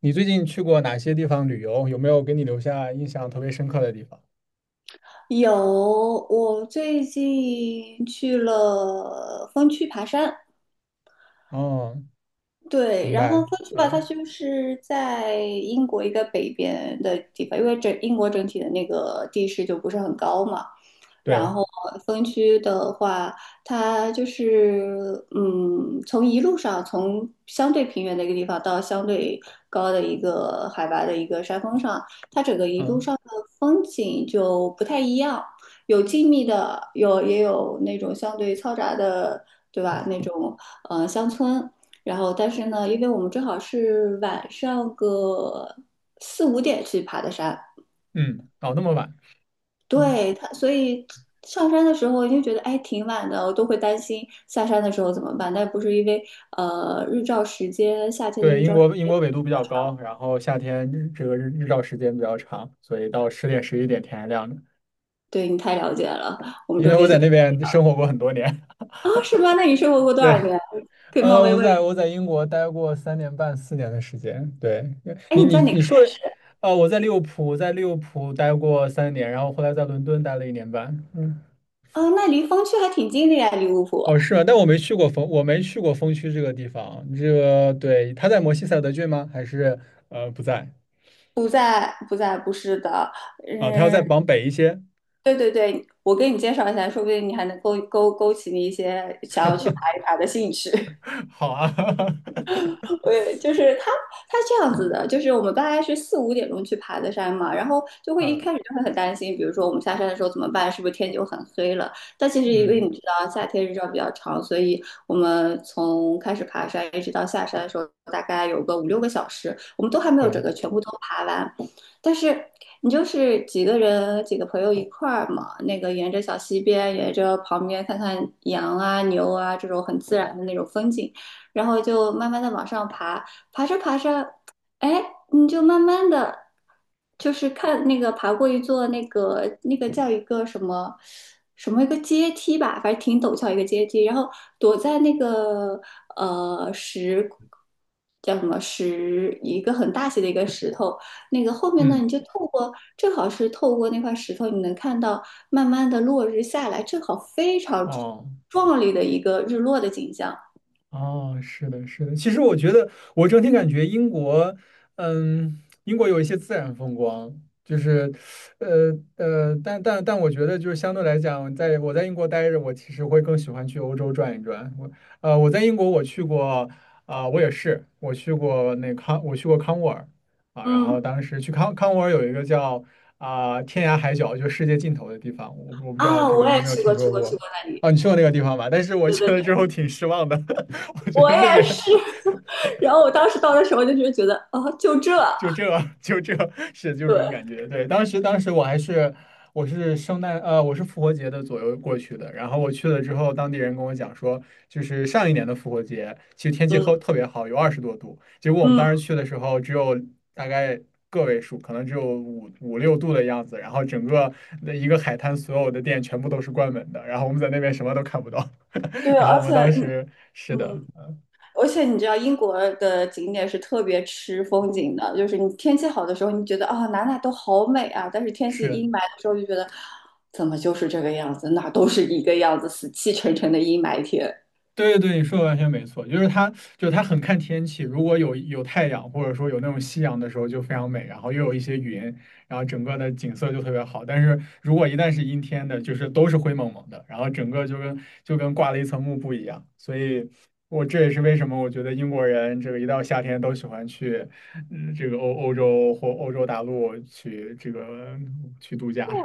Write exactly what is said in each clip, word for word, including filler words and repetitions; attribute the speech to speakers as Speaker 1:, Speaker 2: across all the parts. Speaker 1: 你最近去过哪些地方旅游？有没有给你留下印象特别深刻的地方？
Speaker 2: 有，我最近去了峰区爬山，
Speaker 1: 哦，
Speaker 2: 对，
Speaker 1: 明
Speaker 2: 然后
Speaker 1: 白。
Speaker 2: 分区吧，它
Speaker 1: 嗯，
Speaker 2: 就是在英国一个北边的地方，因为整英国整体的那个地势就不是很高嘛。然
Speaker 1: 对，
Speaker 2: 后分区的话，它就是嗯，从一路上从相对平原的一个地方到相对高的一个海拔的一个山峰上，它整个一路
Speaker 1: 嗯
Speaker 2: 上的风景就不太一样，有静谧的，有也有那种相对嘈杂的，对吧？那种呃乡村。然后但是呢，因为我们正好是晚上个四五点去爬的山，
Speaker 1: 嗯，哦，那么晚。嗯，
Speaker 2: 对他，所以上山的时候就觉得哎挺晚的，我都会担心下山的时候怎么办。但不是因为呃日照时间，夏天的
Speaker 1: 对，
Speaker 2: 日
Speaker 1: 英
Speaker 2: 照时
Speaker 1: 国英
Speaker 2: 间，
Speaker 1: 国纬度比较高，然后夏天日这个日日照时间比较长，所以到十点十一点天还亮着。
Speaker 2: 对你太了解了，我们
Speaker 1: 因
Speaker 2: 这
Speaker 1: 为我
Speaker 2: 边
Speaker 1: 在
Speaker 2: 就
Speaker 1: 那
Speaker 2: 是
Speaker 1: 边生活过很多年。
Speaker 2: 啊是吗？那你生活过多少
Speaker 1: 对，
Speaker 2: 年？可以冒
Speaker 1: 呃，
Speaker 2: 昧
Speaker 1: 我
Speaker 2: 问一
Speaker 1: 在
Speaker 2: 下，
Speaker 1: 我在英国待过三年半四年的时间。对，
Speaker 2: 哎
Speaker 1: 你
Speaker 2: 你
Speaker 1: 你
Speaker 2: 在哪
Speaker 1: 你
Speaker 2: 个山？
Speaker 1: 说的，呃，我在利物浦，在利物浦待过三年，然后后来在伦敦待了一年半。嗯。
Speaker 2: 啊，那离峰区还挺近的呀，离芜湖。
Speaker 1: 哦，是啊，但我没去过风，我没去过风区这个地方。这个，对，他在摩西塞德郡吗？还是呃不在
Speaker 2: 不在，不在，不是的，
Speaker 1: 啊？他要
Speaker 2: 嗯，
Speaker 1: 再往北一些。
Speaker 2: 对对对，我给你介绍一下，说不定你还能勾勾勾起你一些想要去爬一爬的兴趣。
Speaker 1: 好啊，
Speaker 2: 对，就是他，他这样子的，就是我们大概是四五点钟去爬的山嘛，然后就会一
Speaker 1: 啊，
Speaker 2: 开始就会很担心，比如说我们下山的时候怎么办，是不是天就很黑了？但其实因为
Speaker 1: 嗯，
Speaker 2: 你知道夏天日照比较长，所以我们从开始爬山一直到下山的时候，大概有个五六个小时，我们都还没有
Speaker 1: 对，
Speaker 2: 整个全部都爬完。但是你就是几个人几个朋友一块儿嘛，那个沿着小溪边，沿着旁边看看羊啊牛啊这种很自然的那种风景。然后就慢慢的往上爬，爬着爬着，哎，你就慢慢的，就是看那个爬过一座那个那个叫一个什么什么一个阶梯吧，反正挺陡峭一个阶梯，然后躲在那个呃石叫什么石一个很大些的一个石头，那个后面呢，你
Speaker 1: 嗯，
Speaker 2: 就透过正好是透过那块石头，你能看到慢慢的落日下来，正好非常
Speaker 1: 哦。
Speaker 2: 壮丽的一个日落的景象，
Speaker 1: 哦，是的，是的。其实我觉得，我整体感觉英国，嗯，英国有一些自然风光，就是，呃呃，但但但我觉得，就是相对来讲，在我在英国待着，我其实会更喜欢去欧洲转一转。我呃，我在英国我去过，啊、我也是，我去过那康，我去过康沃尔啊，然后
Speaker 2: 嗯。
Speaker 1: 当时去康康沃尔有一个叫啊、天涯海角，就世界尽头的地方，我不我不知道
Speaker 2: 啊，
Speaker 1: 这个
Speaker 2: 我
Speaker 1: 你有
Speaker 2: 也
Speaker 1: 没有
Speaker 2: 去
Speaker 1: 听
Speaker 2: 过，去
Speaker 1: 说
Speaker 2: 过，去
Speaker 1: 过？
Speaker 2: 过那里。
Speaker 1: 啊，你去过那个地方吧？但是我
Speaker 2: 对
Speaker 1: 去
Speaker 2: 对对，
Speaker 1: 了之后挺失望的。我觉
Speaker 2: 我
Speaker 1: 得
Speaker 2: 也
Speaker 1: 那边
Speaker 2: 是。然后我当时到的时候，就是觉得，哦，就这，
Speaker 1: 就这就这是就这
Speaker 2: 对，
Speaker 1: 种感觉。对，当时当时我还是我是圣诞呃我是复活节的左右过去的，然后我去了之后，当地人跟我讲说，就是上一年的复活节其实天气
Speaker 2: 嗯
Speaker 1: 特特别好，有二十多度，结果我们
Speaker 2: 嗯，
Speaker 1: 当时去的时候只有大概。个位数，可能只有五五六度的样子，然后整个的一个海滩所有的店全部都是关门的，然后我们在那边什么都看不到，
Speaker 2: 对，
Speaker 1: 然后
Speaker 2: 而
Speaker 1: 我
Speaker 2: 且，
Speaker 1: 们当
Speaker 2: 嗯
Speaker 1: 时是的，
Speaker 2: 嗯，
Speaker 1: 嗯，
Speaker 2: 而且你知道，英国的景点是特别吃风景的，就是你天气好的时候，你觉得啊、哪哪都好美啊，但是天气
Speaker 1: 是。
Speaker 2: 阴霾的时候，就觉得怎么就是这个样子，哪都是一个样子，死气沉沉的阴霾天。
Speaker 1: 对对对，你说的完全没错，就是它，就是它很看天气。如果有有太阳，或者说有那种夕阳的时候，就非常美，然后又有一些云，然后整个的景色就特别好。但是如果一旦是阴天的，就是都是灰蒙蒙的，然后整个就跟就跟挂了一层幕布一样。所以我这也是为什么我觉得英国人这个一到夏天都喜欢去，嗯，这个欧欧洲或欧洲大陆去这个嗯去度假。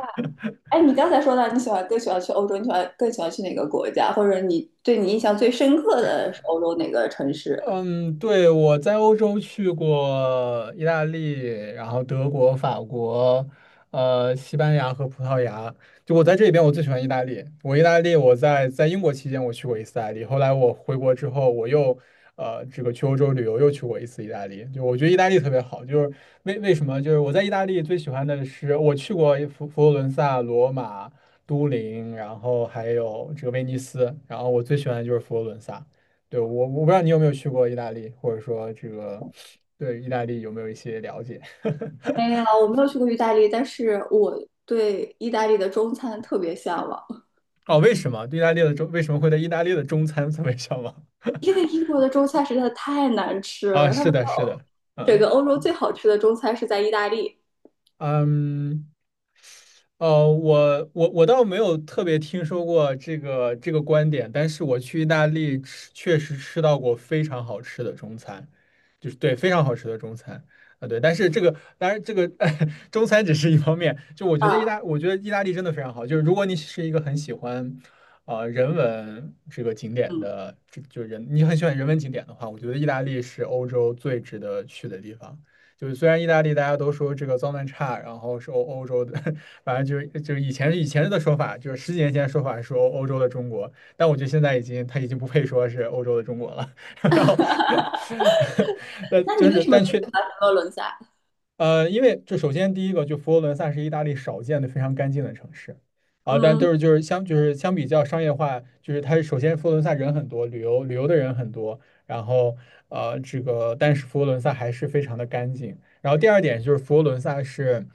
Speaker 2: 哎，你刚才说到你喜欢更喜欢去欧洲，你喜欢更喜欢去哪个国家，或者你对你印象最深刻的是欧洲哪个城市？
Speaker 1: 嗯，对，我在欧洲去过意大利，然后德国、法国，呃，西班牙和葡萄牙。就我在这里边，我最喜欢意大利。我意大利，我在在英国期间我去过一次意大利，后来我回国之后，我又呃这个去欧洲旅游又去过一次意大利。就我觉得意大利特别好，就是为为什么？就是我在意大利最喜欢的是我去过佛佛罗伦萨、罗马、都灵，然后还有这个威尼斯，然后我最喜欢的就是佛罗伦萨。对，我我不知道你有没有去过意大利，或者说这个对意大利有没有一些了解？
Speaker 2: 没有，我没有去过意大利，但是我对意大利的中餐特别向往，
Speaker 1: 哦，为什么对意大利的中为什么会在意大利的中餐 特别向往？
Speaker 2: 因为英国的中餐实在太难吃
Speaker 1: 啊，
Speaker 2: 了。他
Speaker 1: 是
Speaker 2: 们
Speaker 1: 的，
Speaker 2: 说欧
Speaker 1: 是的，
Speaker 2: 整
Speaker 1: 嗯。
Speaker 2: 个欧洲最好吃的中餐是在意大利
Speaker 1: 嗯，呃，我我我倒没有特别听说过这个这个观点，但是我去意大利吃，确实吃到过非常好吃的中餐，就是对非常好吃的中餐啊，对，但是这个当然这个 中餐只是一方面，就我觉得意
Speaker 2: 啊，
Speaker 1: 大我觉得意大利真的非常好，就是如果你是一个很喜欢啊、人文这个景点
Speaker 2: 嗯，
Speaker 1: 的，就就人你很喜欢人文景点的话，我觉得意大利是欧洲最值得去的地方。就是虽然意大利大家都说这个脏乱差，然后是欧欧洲的，反正就是就是以前以前的说法，就是十几年前的说法是欧欧洲的中国，但我觉得现在已经它已经不配说是欧洲的中国了。然后，那
Speaker 2: 那你
Speaker 1: 就
Speaker 2: 为
Speaker 1: 是
Speaker 2: 什么
Speaker 1: 但
Speaker 2: 最
Speaker 1: 却。
Speaker 2: 喜欢佛罗伦萨？
Speaker 1: 呃，因为这首先第一个，就佛罗伦萨是意大利少见的非常干净的城市啊，但
Speaker 2: 嗯
Speaker 1: 都是就是相就是相比较商业化，就是它首先佛罗伦萨人很多，旅游旅游的人很多，然后呃这个但是佛罗伦萨还是非常的干净。然后第二点就是佛罗伦萨是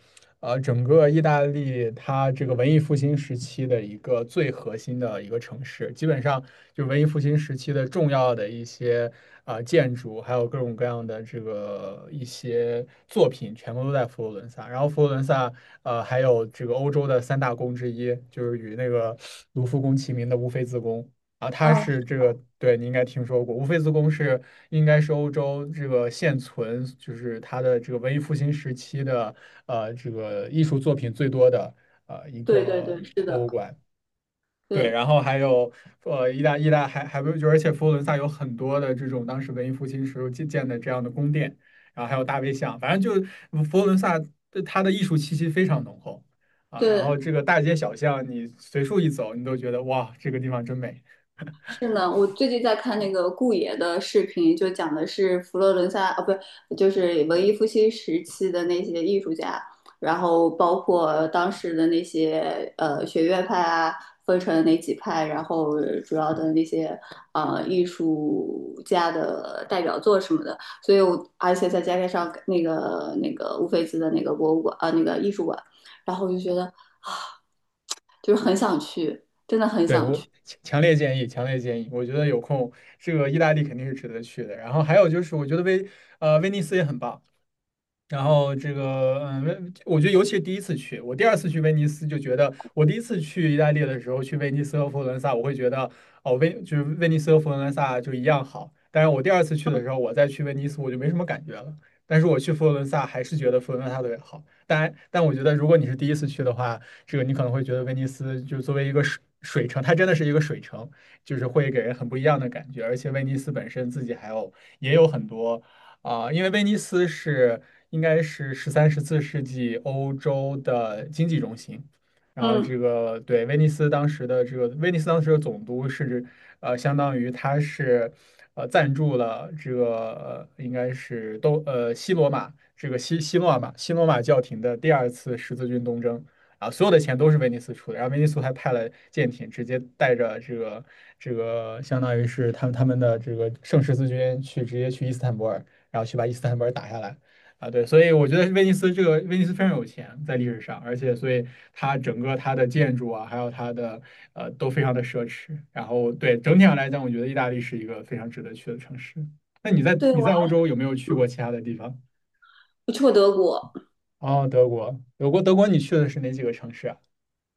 Speaker 1: 呃，整个意大利它这个文艺复兴时期的一个最核心的一个城市，基本上就是文艺复兴时期的重要的一些啊、建筑，还有各种各样的这个一些作品，全部都在佛罗伦萨。然后佛罗伦萨呃还有这个欧洲的三大宫之一，就是与那个卢浮宫齐名的乌菲兹宫。啊，它
Speaker 2: 嗯，
Speaker 1: 是这个，对，你应该听说过，乌菲兹宫是应该是欧洲这个现存，就是它的这个文艺复兴时期的呃这个艺术作品最多的呃一
Speaker 2: 对对
Speaker 1: 个
Speaker 2: 对，是
Speaker 1: 博
Speaker 2: 的，
Speaker 1: 物馆。对，
Speaker 2: 对
Speaker 1: 然后还有呃意大意大还还不就而且佛罗伦萨有很多的这种当时文艺复兴时候建建的这样的宫殿，然后还有大卫像，反正就是佛罗伦萨对它的艺术气息非常浓厚啊。然
Speaker 2: 对，
Speaker 1: 后这个大街小巷，你随处一走，你都觉得哇，这个地方真美。
Speaker 2: 是呢，我最近在看那个顾爷的视频，就讲的是佛罗伦萨啊，不是，就是文艺复兴时期的那些艺术家，然后包括当时的那些呃学院派啊，分成哪几派，然后呃主要的那些呃艺术家的代表作什么的，所以我而且再加上那个那个乌菲兹的那个博物馆啊，那个艺术馆，然后我就觉得就是很想去，真的很
Speaker 1: 对，
Speaker 2: 想
Speaker 1: 我
Speaker 2: 去，
Speaker 1: 强强烈建议，强烈建议。我觉得有空，这个意大利肯定是值得去的。然后还有就是，我觉得威呃威尼斯也很棒。然后这个，嗯，我觉得尤其是第一次去，我第二次去威尼斯就觉得，我第一次去意大利的时候，去威尼斯和佛罗伦萨，我会觉得，哦，威就是威尼斯和佛罗伦萨就一样好。但是我第二次去的时候，我再去威尼斯，我就没什么感觉了。但是我去佛罗伦萨，还是觉得佛罗伦萨特别好。当然，但我觉得如果你是第一次去的话，这个你可能会觉得威尼斯就作为一个水水城，它真的是一个水城，就是会给人很不一样的感觉。而且威尼斯本身自己还有也有很多。啊，因为威尼斯是应该是十三、十四世纪欧洲的经济中心，然后
Speaker 2: 嗯，
Speaker 1: 这个对威尼斯当时的这个威尼斯当时的总督是指呃，相当于他是呃赞助了这个呃应该是都呃西罗马这个西西罗马西罗马教廷的第二次十字军东征。啊，所有的钱都是威尼斯出的，然后威尼斯还派了舰艇，直接带着这个这个，相当于是他们他们的这个圣十字军去直接去伊斯坦布尔，然后去把伊斯坦布尔打下来。啊，对，所以我觉得威尼斯这个威尼斯非常有钱，在历史上，而且所以它整个它的建筑啊，还有它的呃都非常的奢侈。然后对整体上来讲，我觉得意大利是一个非常值得去的城市。那你在
Speaker 2: 对，
Speaker 1: 你
Speaker 2: 我
Speaker 1: 在欧
Speaker 2: 还
Speaker 1: 洲有没有去过其他的地方？
Speaker 2: 没去过德国。
Speaker 1: 哦，德国，德国，德国，你去的是哪几个城市啊？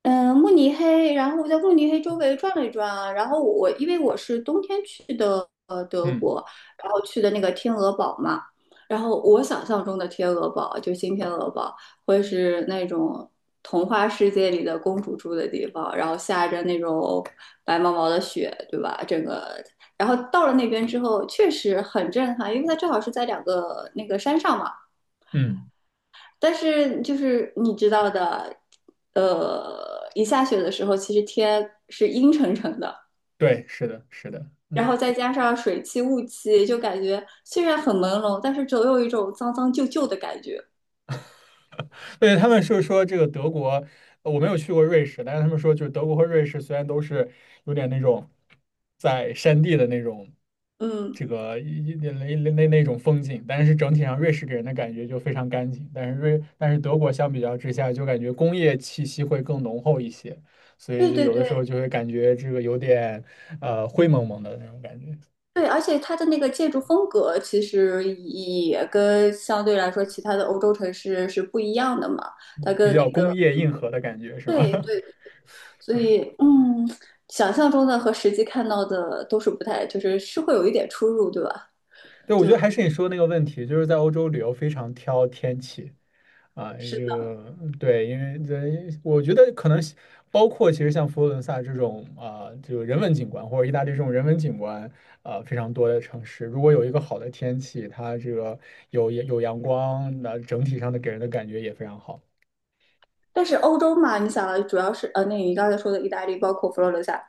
Speaker 2: 嗯，慕尼黑，然后我在慕尼黑周围转了一转啊，然后我因为我是冬天去的呃德
Speaker 1: 嗯
Speaker 2: 国，然后去的那个天鹅堡嘛，然后我想象中的天鹅堡就新天鹅堡会是那种童话世界里的公主住的地方，然后下着那种白毛毛的雪，对吧？整个，然后到了那边之后确实很震撼，因为它正好是在两个那个山上嘛。
Speaker 1: 嗯，
Speaker 2: 但是就是你知道的，呃，一下雪的时候，其实天是阴沉沉的，
Speaker 1: 对，是的，是的，
Speaker 2: 然
Speaker 1: 嗯。
Speaker 2: 后再加上水汽、雾气，就感觉虽然很朦胧，但是总有一种脏脏旧旧的感觉。
Speaker 1: 对，他们是说这个德国，呃我没有去过瑞士，但是他们说就是德国和瑞士虽然都是有点那种在山地的那种
Speaker 2: 嗯，
Speaker 1: 这个一一那那那那种风景，但是整体上瑞士给人的感觉就非常干净，但是瑞但是德国相比较之下就感觉工业气息会更浓厚一些，所以
Speaker 2: 对
Speaker 1: 就
Speaker 2: 对
Speaker 1: 有的时候
Speaker 2: 对
Speaker 1: 就会感觉这个有点呃灰蒙蒙的那种感觉，
Speaker 2: 对，而且它的那个建筑风格其实也跟相对来说其他的欧洲城市是不一样的嘛，它
Speaker 1: 比
Speaker 2: 跟那
Speaker 1: 较工
Speaker 2: 个
Speaker 1: 业硬核的感觉是吗？
Speaker 2: 对对，所以嗯，想象中的和实际看到的都是不太，就是是会有一点出入，对吧？
Speaker 1: 对，我觉得
Speaker 2: 就
Speaker 1: 还是你说的那个问题，就是在欧洲旅游非常挑天气啊，
Speaker 2: 是
Speaker 1: 这
Speaker 2: 的，
Speaker 1: 个对，因为这我觉得可能是包括其实像佛罗伦萨这种啊，这个人文景观或者意大利这种人文景观啊非常多的城市，如果有一个好的天气，它这个有有阳光，那整体上的给人的感觉也非常好。
Speaker 2: 但是欧洲嘛，你想啊，主要是呃，那你刚才说的意大利，包括佛罗伦萨，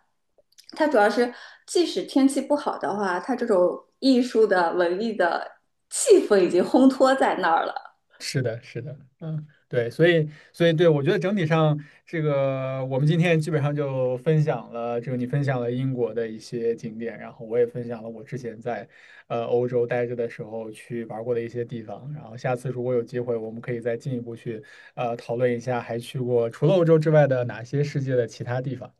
Speaker 2: 它主要是即使天气不好的话，它这种艺术的、文艺的气氛已经烘托在那儿了。
Speaker 1: 是的，是的，嗯，对，所以，所以，对，我觉得整体上，这个我们今天基本上就分享了，这个你分享了英国的一些景点，然后我也分享了我之前在呃欧洲待着的时候去玩过的一些地方，然后下次如果有机会，我们可以再进一步去呃讨论一下，还去过除了欧洲之外的哪些世界的其他地方。